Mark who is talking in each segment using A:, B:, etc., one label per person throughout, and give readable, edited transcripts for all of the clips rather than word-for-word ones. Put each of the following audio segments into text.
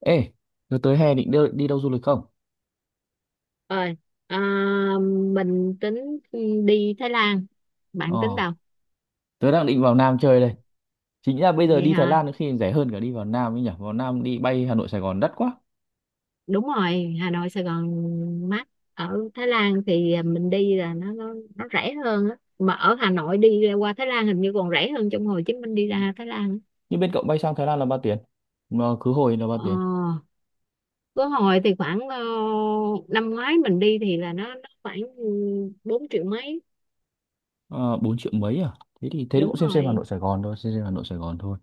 A: Ê, tớ tới hè định đi đâu du lịch không?
B: Ơi, à, mình tính đi Thái Lan.
A: Ờ,
B: Bạn tính đâu?
A: tớ đang định vào Nam chơi đây. Chính ra bây giờ
B: Vậy
A: đi Thái
B: hả?
A: Lan có khi rẻ hơn cả đi vào Nam ấy nhỉ? Vào Nam đi bay Hà Nội Sài Gòn đắt quá.
B: Đúng rồi, Hà Nội Sài Gòn mắc. Ở Thái Lan thì mình đi là nó rẻ hơn á, mà ở Hà Nội đi qua Thái Lan hình như còn rẻ hơn trong Hồ Chí Minh đi ra Thái Lan.
A: Nhưng bên cậu bay sang Thái Lan là bao tiền? Mà khứ hồi là bao tiền?
B: ờ có hồi thì khoảng năm ngoái mình đi thì là nó khoảng 4 triệu mấy.
A: Ờ, 4 triệu mấy à? Thế thì cũng
B: Đúng
A: xem Hà
B: rồi.
A: Nội Sài Gòn thôi, xem Hà Nội Sài Gòn thôi.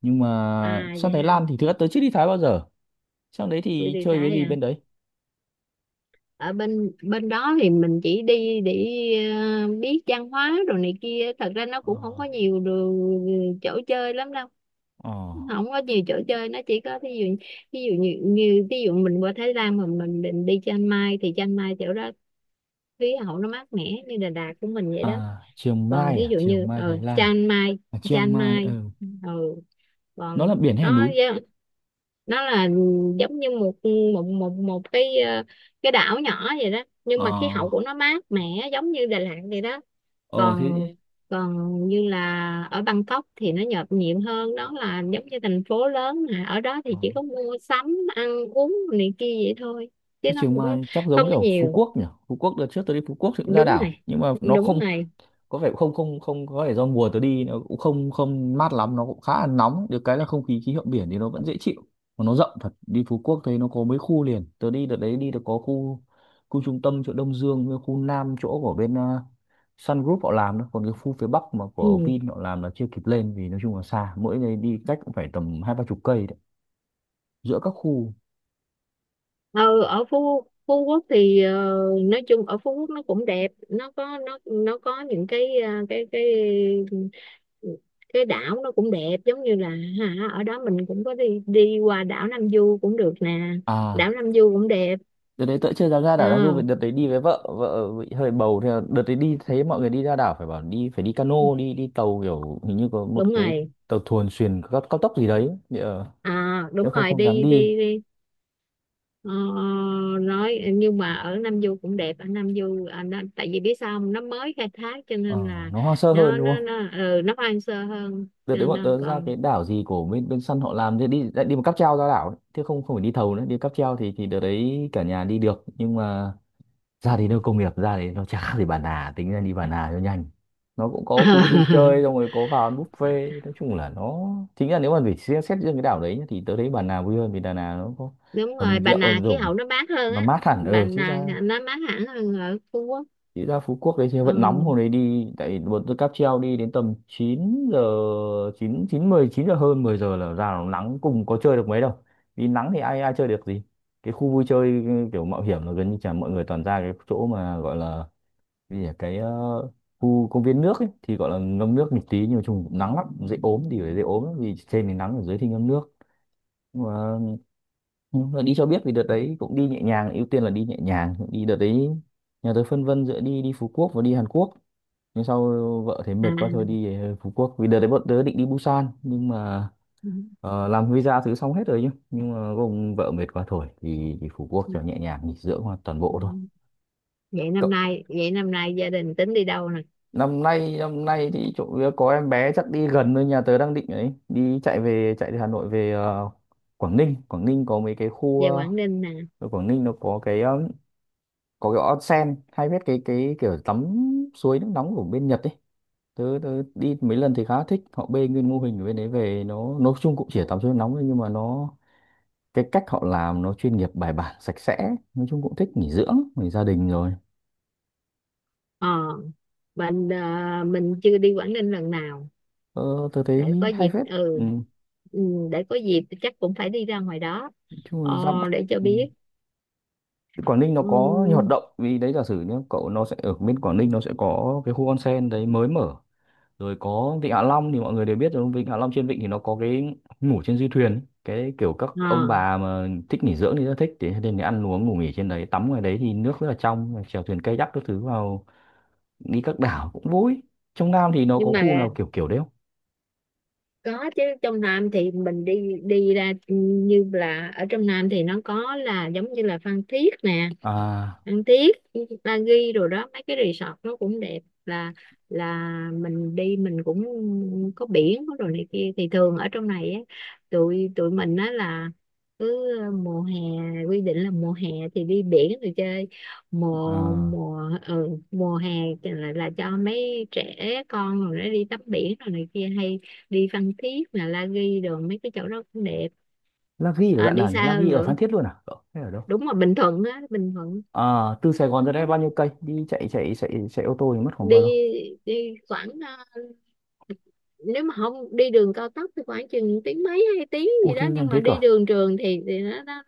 A: Nhưng mà
B: À,
A: sang
B: vậy
A: Thái
B: hả?
A: Lan thì thực ra tớ chưa đi Thái bao giờ. Sang đấy
B: Chưa
A: thì
B: đi
A: chơi cái
B: Thái
A: gì
B: à?
A: bên đấy?
B: Ở bên bên đó thì mình chỉ đi để, biết văn hóa rồi này kia, thật ra nó cũng không
A: Ờ,
B: có nhiều đồ- ừ, chỗ chơi lắm đâu.
A: ờ,
B: Không có nhiều chỗ chơi, nó chỉ có thí dụ, ví dụ như ví dụ mình qua Thái Lan mà mình định đi Chiang Mai thì Chiang Mai chỗ đó khí hậu nó mát mẻ như Đà Lạt của mình vậy đó.
A: à,
B: Còn thí
A: À?
B: dụ
A: Chiang
B: như
A: Mai Thái Lan.
B: Chiang Mai
A: À, Chiang
B: Chiang
A: Mai,
B: Mai
A: ừ.
B: ừ Còn
A: Nó là biển hay là
B: nó
A: núi?
B: nó là giống như một một một một cái đảo nhỏ vậy đó, nhưng
A: Ờ,
B: mà khí hậu của nó mát mẻ giống như Đà Lạt vậy đó.
A: ờ
B: còn
A: thế.
B: còn như là ở Bangkok thì nó nhộn nhịp hơn đó, là giống như thành phố lớn, mà ở đó thì
A: Ờ.
B: chỉ có mua sắm, ăn uống này kia vậy thôi, chứ
A: Cái
B: nó
A: trường
B: cũng không
A: Mai chắc
B: có
A: giống kiểu Phú
B: nhiều.
A: Quốc nhỉ. Phú Quốc đợt trước tôi đi Phú Quốc thì cũng ra
B: Đúng
A: đảo
B: rồi,
A: nhưng mà nó
B: đúng
A: không
B: rồi.
A: có vẻ không không không có vẻ do mùa tôi đi nó cũng không không mát lắm, nó cũng khá là nóng, được cái là không khí, khí hậu biển thì nó vẫn dễ chịu. Mà nó rộng thật, đi Phú Quốc thấy nó có mấy khu liền, tôi đi đợt đấy đi được có khu, khu trung tâm chỗ Đông Dương với khu Nam chỗ của bên Sun Group họ làm đó, còn cái khu phía Bắc mà của
B: Ừ.
A: Vin họ làm là chưa kịp lên vì nói chung là xa, mỗi ngày đi cách cũng phải tầm hai ba chục cây đấy giữa các khu.
B: Ừ, ở Phú Phú Quốc thì, nói chung ở Phú Quốc nó cũng đẹp, nó có những cái ờ, cái đảo nó cũng đẹp giống như là, hả, ở đó mình cũng có đi đi qua đảo Nam Du cũng được nè.
A: À
B: Đảo Nam Du cũng đẹp.
A: Đợt đấy tớ chưa dám ra
B: Ờ,
A: đảo Nam Du vì đợt đấy đi với vợ, vợ bị hơi bầu thì là đợt đấy đi thấy mọi người đi ra đảo phải bảo đi, phải đi cano, đi đi tàu kiểu hình như có
B: đúng
A: một cái
B: rồi.
A: tàu thuyền xuyền cao, cao tốc gì đấy thì
B: À,
A: tớ
B: đúng
A: không
B: rồi,
A: không dám
B: đi
A: đi.
B: đi đi. Ờ, nói nhưng mà ở Nam Du cũng đẹp, ở Nam Du à, nó, tại vì biết sao không? Nó mới khai thác cho nên
A: Ờ,
B: là
A: nó hoang sơ hơn
B: nó
A: đúng
B: nó
A: không.
B: nó ừ, nó hoang sơ hơn,
A: Đợt
B: cho
A: đấy
B: nên
A: bọn
B: nó
A: tớ ra
B: còn.
A: cái đảo gì của bên bên săn họ làm thì đi lại đi một cáp treo ra đảo ấy, chứ không không phải đi thầu nữa, đi cáp treo thì đợt đấy cả nhà đi được, nhưng mà ra thì nơi công nghiệp, ra thì nó chả khác gì Bà Nà, tính ra đi Bà Nà cho nhanh. Nó cũng có khu vui chơi, xong rồi có vào ăn buffet, nói chung là nó chính là nếu mà phải xét, xét riêng cái đảo đấy nhá, thì tớ thấy Bà Nà vui hơn vì Đà Nẵng nó có
B: Đúng rồi,
A: hầm
B: Bà
A: rượu,
B: Nà
A: hầm
B: khí
A: dùng,
B: hậu nó mát hơn
A: nó
B: á.
A: mát hẳn,
B: Bà
A: ừ, chứ
B: Nà
A: ra,
B: nó mát hẳn hơn ở Phú Quốc.
A: chứ ra Phú Quốc đấy chứ
B: Ừ.
A: vẫn nóng, hôm đấy đi tại vì bọn tôi cáp treo đi đến tầm 9 giờ, 9 9 10 9 giờ hơn, 10 giờ là ra nó nắng cùng, có chơi được mấy đâu, vì nắng thì ai ai chơi được gì. Cái khu vui chơi kiểu mạo hiểm là gần như chả, mọi người toàn ra cái chỗ mà gọi là, vì ở cái khu công viên nước ấy, thì gọi là ngâm nước một tí, nhưng mà trùng cũng nắng lắm dễ ốm thì phải, dễ ốm lắm, vì trên thì nắng, ở dưới thì ngâm nước. Nhưng mà, nhưng mà đi cho biết, vì đợt đấy cũng đi nhẹ nhàng, ưu tiên là đi nhẹ nhàng đi đợt đấy. Nhà tôi phân vân giữa đi đi Phú Quốc và đi Hàn Quốc, nhưng sau vợ thấy mệt quá thôi đi Phú Quốc, vì đợt đấy bọn tớ định đi Busan, nhưng mà làm visa thứ xong hết rồi nhá, nhưng mà gồm vợ mệt quá thôi thì đi Phú Quốc
B: À.
A: cho nhẹ nhàng nghỉ dưỡng hoàn toàn
B: Ừ.
A: bộ thôi.
B: Vậy năm nay gia đình tính đi đâu nè?
A: Năm nay thì chỗ có em bé chắc đi gần thôi, nhà tớ đang định ấy đi chạy về, chạy từ Hà Nội về Quảng Ninh. Quảng Ninh có mấy cái khu
B: Về Quảng Ninh nè.
A: ở Quảng Ninh nó có cái có cái onsen hay biết cái kiểu tắm suối nước nóng của bên Nhật ấy. Tớ đi mấy lần thì khá thích, họ bê nguyên mô hình ở bên đấy về, nó nói chung cũng chỉ tắm suối nước nóng thôi nhưng mà nó, cái cách họ làm nó chuyên nghiệp, bài bản, sạch sẽ, nói chung cũng thích nghỉ dưỡng, nghỉ gia đình rồi.
B: Ờ mình ờ, mình chưa đi Quảng Ninh lần nào,
A: ờ, Tớ
B: để
A: thấy
B: có
A: hay
B: dịp.
A: phết. Ừ,
B: Ừ. Ừ, để có dịp thì chắc cũng phải đi ra ngoài đó,
A: nói chung
B: ờ,
A: là ra Bắc.
B: để cho
A: Ừ.
B: biết.
A: Quảng Ninh nó
B: Ừ.
A: có nhiều hoạt động, vì đấy giả sử nhé cậu, nó sẽ ở bên Quảng Ninh nó sẽ có cái khu onsen đấy mới mở, rồi có Vịnh Hạ Long thì mọi người đều biết rồi, Vịnh Hạ Long trên vịnh thì nó có cái ngủ trên du thuyền, cái kiểu các ông
B: Ờ,
A: bà mà thích nghỉ dưỡng thì rất thích, thế nên thì ăn uống ngủ nghỉ trên đấy, tắm ngoài đấy thì nước rất là trong, chèo thuyền kayak các thứ, vào đi các đảo cũng vui. Trong Nam thì nó có
B: nhưng
A: khu
B: mà
A: nào kiểu kiểu đấy không?
B: có chứ, trong Nam thì mình đi đi ra, ừ, như là ở trong Nam thì nó có là giống như là Phan Thiết nè,
A: À,
B: ăn tiếp Bali rồi đó, mấy cái resort nó cũng đẹp. Là là mình đi mình cũng có biển, có đồ này kia, thì thường ở trong này á, tụi tụi mình á là cứ, mùa hè, quy định là mùa hè thì đi biển rồi chơi. mùa
A: à,
B: mùa ừ, mùa hè thì là cho mấy trẻ con rồi nó đi tắm biển rồi này kia, hay đi Phan Thiết là La Ghi rồi mấy cái chỗ đó cũng đẹp.
A: La Ghi ở
B: À,
A: đoạn
B: đi
A: nào nhỉ,
B: xa
A: La
B: hơn
A: Ghi ở
B: nữa,
A: Phan Thiết luôn à cậu hay ở đâu?
B: đúng rồi, Bình Thuận á, Bình Thuận.
A: À, từ Sài Gòn ra đây bao nhiêu cây, đi chạy chạy chạy chạy ô tô thì mất khoảng
B: đi
A: bao lâu?
B: đi khoảng, nếu mà không đi đường cao tốc thì khoảng chừng tiếng mấy, 2 tiếng
A: Ủa
B: gì
A: thế
B: đó, nhưng
A: nhanh
B: mà
A: thế cơ
B: đi
A: à?
B: đường trường thì nó,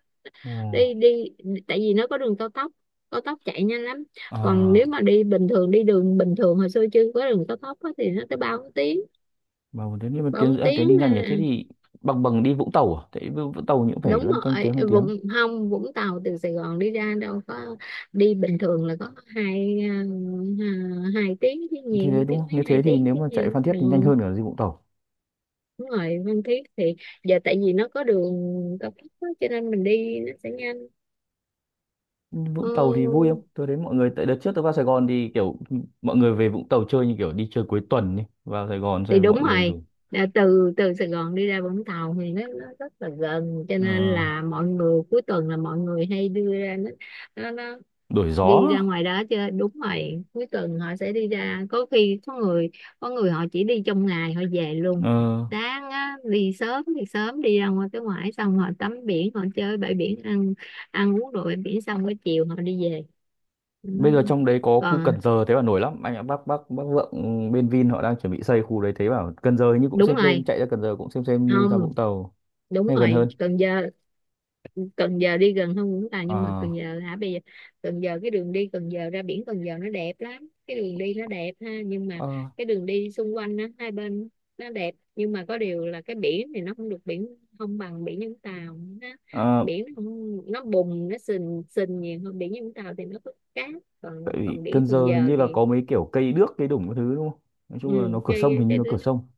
B: đi
A: Ồ,
B: đi tại vì nó có đường cao tốc, cao tốc chạy nhanh lắm. Còn nếu
A: à,
B: mà đi bình thường, đi đường bình thường hồi xưa chưa có đường cao tốc á, thì nó tới ba bốn tiếng.
A: mà thế nhưng mà
B: Ba bốn
A: tiếng à, tiếng
B: tiếng
A: đi
B: à.
A: nhanh nhỉ? Thế thì bằng bằng đi Vũng Tàu à? Thế Vũng Vũng Tàu cũng phải
B: Đúng
A: lăn canh
B: rồi,
A: tiếng hai tiếng.
B: Vũng, không, Vũng Tàu từ Sài Gòn đi ra đâu có, đi bình thường là có hai tiếng chứ
A: Thì đấy
B: nhiều,
A: đúng
B: tiếng
A: không?
B: mấy,
A: Nếu
B: hai
A: thế thì
B: tiếng
A: nếu
B: chứ
A: mà chạy
B: nhiều.
A: Phan Thiết
B: Ừ.
A: thì nhanh hơn cả đi Vũng Tàu.
B: Đúng rồi, Phan Thiết thì giờ tại vì nó có đường cao tốc á, cho nên mình đi nó sẽ nhanh.
A: Nhưng Vũng
B: Ừ,
A: Tàu thì vui không? Tôi đến mọi người tại đợt trước tôi vào Sài Gòn thì kiểu mọi người về Vũng Tàu chơi như kiểu đi chơi cuối tuần đi. Vào Sài Gòn
B: thì
A: xem
B: đúng
A: mọi người
B: rồi.
A: rủ
B: Đã từ từ Sài Gòn đi ra Vũng Tàu thì nó rất là gần, cho nên
A: ờ,
B: là mọi người cuối tuần là mọi người hay đưa ra, nó nó
A: đổi gió.
B: đi ra ngoài đó chứ. Đúng rồi, cuối tuần họ sẽ đi ra, có khi có người họ chỉ đi trong ngày họ về luôn.
A: Ờ,
B: Sáng á, đi sớm thì sớm đi ra ngoài cái ngoại xong họ tắm biển, họ chơi bãi biển, ăn ăn uống đồ bãi biển xong cái chiều họ đi về. Ừ.
A: bây giờ trong đấy có khu
B: Còn,
A: Cần Giờ, thế bảo nổi lắm anh ạ, bác Vượng ừ, bên Vin họ đang chuẩn bị xây khu đấy, thế bảo Cần Giờ hình như cũng
B: đúng
A: xem,
B: rồi,
A: chạy ra Cần Giờ cũng xem như ra
B: không,
A: Vũng Tàu
B: đúng
A: hay gần
B: rồi,
A: hơn.
B: Cần Giờ. Cần Giờ đi gần hơn Vũng Tàu,
A: ờ
B: nhưng mà Cần Giờ hả, bây giờ Cần Giờ, cái đường đi Cần Giờ ra biển Cần Giờ nó đẹp lắm, cái đường đi nó đẹp ha, nhưng mà
A: ờ
B: cái đường đi xung quanh á, hai bên nó đẹp, nhưng mà có điều là cái biển thì nó không được, biển không bằng biển Vũng Tàu, nó,
A: ờ,
B: biển nó không, nó bùng, nó sình sình nhiều hơn. Biển Vũng Tàu thì nó có cát,
A: tại
B: còn
A: vì
B: còn biển
A: Cần
B: Cần
A: Giờ hình
B: Giờ
A: như là
B: thì,
A: có mấy kiểu cây đước cây đủng cái thứ đúng không, nói chung là nó
B: ừ,
A: cửa
B: cái
A: sông, hình như
B: cái
A: nó
B: đó,
A: cửa sông.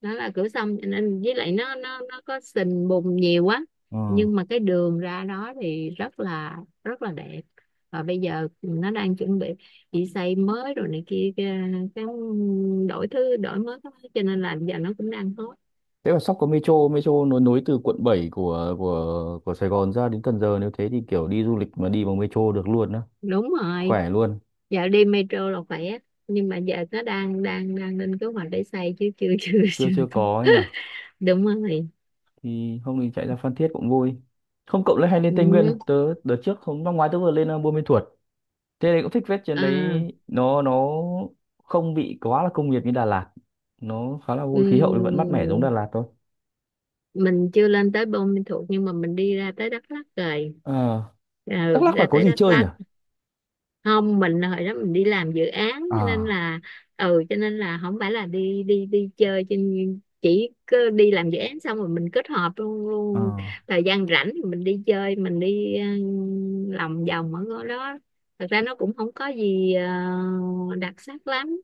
B: đó là cửa sông, cho nên với lại nó có sình bùn nhiều quá,
A: ờ
B: nhưng mà cái đường ra đó thì rất là, rất là đẹp. Và bây giờ nó đang chuẩn bị xây mới rồi này kia, cái đổi thứ, đổi mới cái- cho nên là giờ nó cũng đang hot.
A: Thế mà sắp có metro, metro nó nối từ quận 7 của Sài Gòn ra đến Cần Giờ, nếu thế thì kiểu đi du lịch mà đi bằng metro được luôn á,
B: Đúng rồi,
A: khỏe luôn.
B: giờ đi metro là khỏe, nhưng mà giờ nó đang đang đang lên kế hoạch để xây chứ chưa, chưa
A: chưa
B: chưa
A: chưa
B: có.
A: có ấy nhỉ.
B: Đúng rồi.
A: Thì hôm mình chạy ra Phan Thiết cũng vui. Không cậu lại hay lên
B: Ừ.
A: Tây Nguyên không? Tớ đợt trước hôm năm ngoái tớ vừa lên Buôn Ma Thuột, thế này cũng thích phết trên
B: À.
A: đấy, nó không bị quá là công nghiệp như Đà Lạt, nó khá là
B: Ừ.
A: vui, khí hậu thì vẫn mát mẻ giống Đà Lạt thôi.
B: Mình chưa lên tới Buôn Ma Thuột, nhưng mà mình đi ra tới Đắk Lắk rồi.
A: Ờ,
B: Ừ,
A: Đắk Lắk là
B: ra
A: có
B: tới
A: gì
B: Đắk
A: chơi nhỉ?
B: Lắk, không, mình hồi đó mình đi làm dự án cho nên
A: À,
B: là, ừ, cho nên là không phải là đi đi đi chơi trên, chỉ cứ đi làm dự án xong rồi mình kết hợp luôn,
A: ờ,
B: luôn thời gian rảnh thì mình đi chơi, mình đi, lòng vòng ở ngôi đó. Thật ra nó cũng không có gì đặc sắc lắm,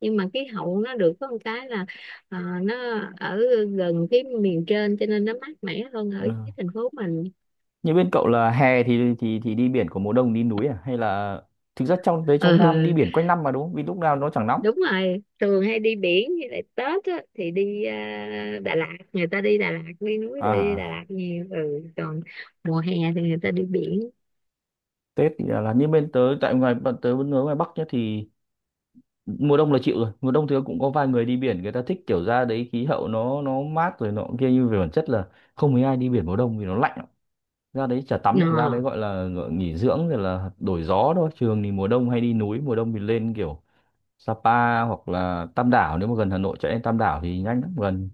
B: nhưng mà khí hậu nó được có một cái là, ờ, nó ở gần cái miền trên cho nên nó mát mẻ hơn ở
A: ờ.
B: dưới thành phố mình.
A: Như bên cậu là hè thì thì đi biển, của mùa đông đi núi à, hay là thực ra trong đấy, trong Nam đi
B: Ừ.
A: biển quanh năm mà đúng không, vì lúc nào nó chẳng nóng.
B: Đúng rồi, thường hay đi biển, với lại Tết á, thì đi, Đà Lạt, người ta đi Đà Lạt, đi núi, đi Đà
A: À,
B: Lạt nhiều. Ừ. Còn mùa hè thì người ta đi biển.
A: Tết thì là như bên tớ tại ngoài, bọn tớ vẫn ở ngoài Bắc nhá, thì mùa đông là chịu rồi, mùa đông thì cũng có vài người đi biển, người ta thích kiểu ra đấy khí hậu nó mát rồi nọ kia, nhưng về bản chất là không mấy ai đi biển mùa đông vì nó lạnh lắm. Ra đấy chả tắm được, ra đấy
B: Ờ.
A: gọi là gọi nghỉ dưỡng rồi là đổi gió thôi, trường thì mùa đông hay đi núi, mùa đông thì lên kiểu Sapa hoặc là Tam Đảo, nếu mà gần Hà Nội chạy lên Tam Đảo thì nhanh lắm, gần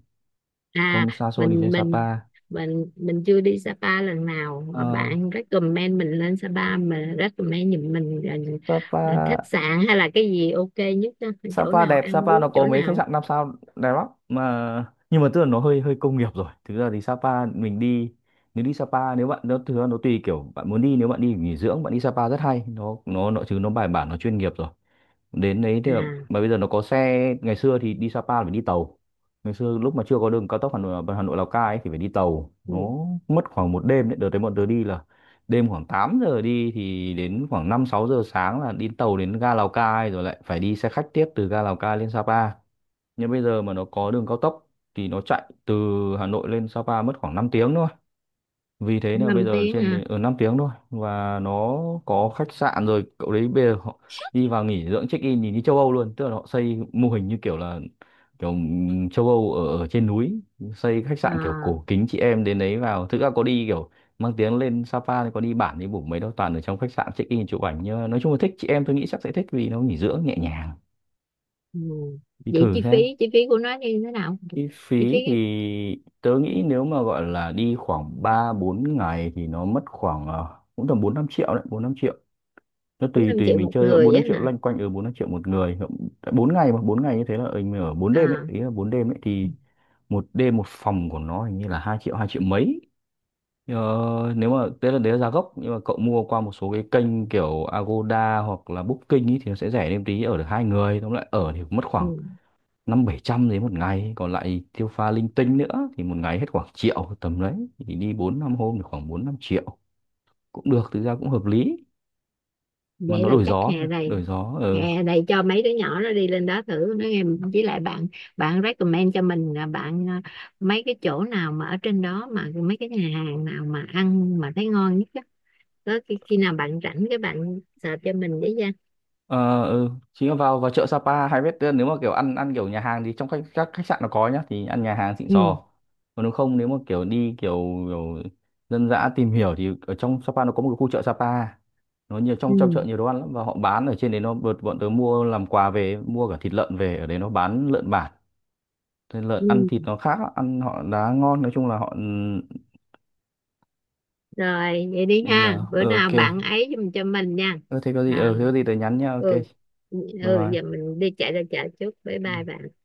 B: À,
A: không xa xôi, đi lên
B: mình mình
A: Sapa.
B: mình chưa đi Sapa lần nào, mà
A: Ờ,
B: bạn recommend mình lên Sapa, mà recommend giùm mình
A: Sapa,
B: là khách sạn hay là cái gì ok nhất á, chỗ
A: Sapa
B: nào
A: đẹp,
B: ăn
A: Sapa nó
B: uống chỗ
A: có mấy khách
B: nào.
A: sạn 5 sao đẹp lắm mà, nhưng mà tức là nó hơi hơi công nghiệp rồi, thực ra thì Sapa mình đi, nếu đi Sapa nếu bạn nó thực ra nó tùy kiểu bạn muốn đi, nếu bạn đi nghỉ dưỡng bạn đi Sapa rất hay, nó nó chứ nó bài bản, nó chuyên nghiệp rồi, đến đấy thì
B: À.
A: mà bây giờ nó có xe, ngày xưa thì đi Sapa là phải đi tàu, ngày xưa lúc mà chưa có đường cao tốc Hà Nội, Lào Cai ấy, thì phải đi tàu,
B: Ừ.
A: nó mất khoảng một đêm đấy, đợt đấy bọn tớ đi là đêm khoảng 8 giờ đi thì đến khoảng 5, 6 giờ sáng là đi tàu đến ga Lào Cai, rồi lại phải đi xe khách tiếp từ ga Lào Cai lên Sapa. Nhưng bây giờ mà nó có đường cao tốc thì nó chạy từ Hà Nội lên Sapa mất khoảng 5 tiếng thôi, vì thế là bây
B: 5
A: giờ
B: tiếng
A: trên
B: à?
A: ở 5 tiếng thôi, và nó có khách sạn rồi cậu đấy, bây giờ họ đi vào nghỉ dưỡng check in nhìn như châu Âu luôn, tức là họ xây mô hình như kiểu là kiểu châu Âu ở, ở trên núi, xây khách sạn kiểu
B: À.
A: cổ kính, chị em đến đấy vào thực ra có đi kiểu mang tiếng lên Sapa thì có đi bản đi bủng mấy đâu, toàn ở trong khách sạn check in chụp ảnh, nhưng mà nói chung là thích, chị em tôi nghĩ chắc sẽ thích vì nó nghỉ dưỡng nhẹ nhàng,
B: Ừ.
A: đi
B: Vậy
A: thử
B: chi phí
A: xem.
B: chi phí của nó như thế nào?
A: Chi
B: Chi phí
A: phí thì tớ nghĩ nếu mà gọi là đi khoảng 3, 4 ngày thì nó mất khoảng cũng tầm 4, 5 triệu đấy, 4, 5 triệu. Nó
B: cũng
A: tùy
B: 5
A: tùy
B: triệu
A: mình
B: một
A: chơi, 4
B: người
A: 5
B: á
A: triệu
B: hả?
A: loanh quanh ở 4, 5 triệu một người. Bốn ngày mà, 4 ngày như thế là mình ở 4 đêm ấy,
B: À.
A: ý là 4 đêm ấy thì một đêm một phòng của nó hình như là 2 triệu, 2 triệu mấy. Ờ, nếu mà tức là đấy là giá gốc, nhưng mà cậu mua qua một số cái kênh kiểu Agoda hoặc là Booking ý thì nó sẽ rẻ, thêm tí ở được hai người, tóm lại ở thì cũng mất khoảng
B: Ừ.
A: 5, 7 trăm đấy một ngày, còn lại tiêu pha linh tinh nữa thì một ngày hết khoảng triệu, tầm đấy thì đi 4, 5 hôm thì khoảng 4, 5 triệu cũng được, thực ra cũng hợp lý, mà
B: Vậy
A: nó
B: là
A: đổi
B: chắc
A: gió thôi,
B: hè
A: đổi
B: này
A: gió. Ờ,
B: hè này cho mấy đứa nhỏ nó đi lên đó thử nó nghe. Với lại bạn bạn recommend cho mình là, bạn à, mấy cái chỗ nào mà ở trên đó, mà mấy cái nhà hàng nào mà ăn mà thấy ngon nhất á, tới khi nào bạn rảnh cái bạn search cho mình với nha.
A: ờ, ừ, chính là vào vào chợ Sapa hay biết, nếu mà kiểu ăn ăn kiểu nhà hàng thì trong khách, các khách sạn nó có nhá, thì ăn nhà hàng xịn
B: Ừ.
A: sò, còn nếu không nếu mà kiểu đi kiểu, kiểu dân dã tìm hiểu thì ở trong Sapa nó có một cái khu chợ Sapa, nó nhiều,
B: Ừ.
A: trong trong chợ nhiều đồ ăn lắm, và họ bán ở trên đấy, nó bọn bọn tớ mua làm quà về, mua cả thịt lợn về, ở đấy nó bán lợn bản, lợn ăn
B: Ừ.
A: thịt nó khác á, ăn họ đá ngon, nói chung là họ.
B: Rồi vậy đi
A: Ừ,
B: ha,
A: là
B: bữa nào
A: ok.
B: bạn ấy giùm cho mình nha.
A: ờ, thế có gì
B: À.
A: ờ thế có gì tớ nhắn nha, ok,
B: Ừ.
A: bye
B: Ừ,
A: bye.
B: giờ mình đi chạy ra chợ trước, bye bye
A: Ừ.
B: bạn.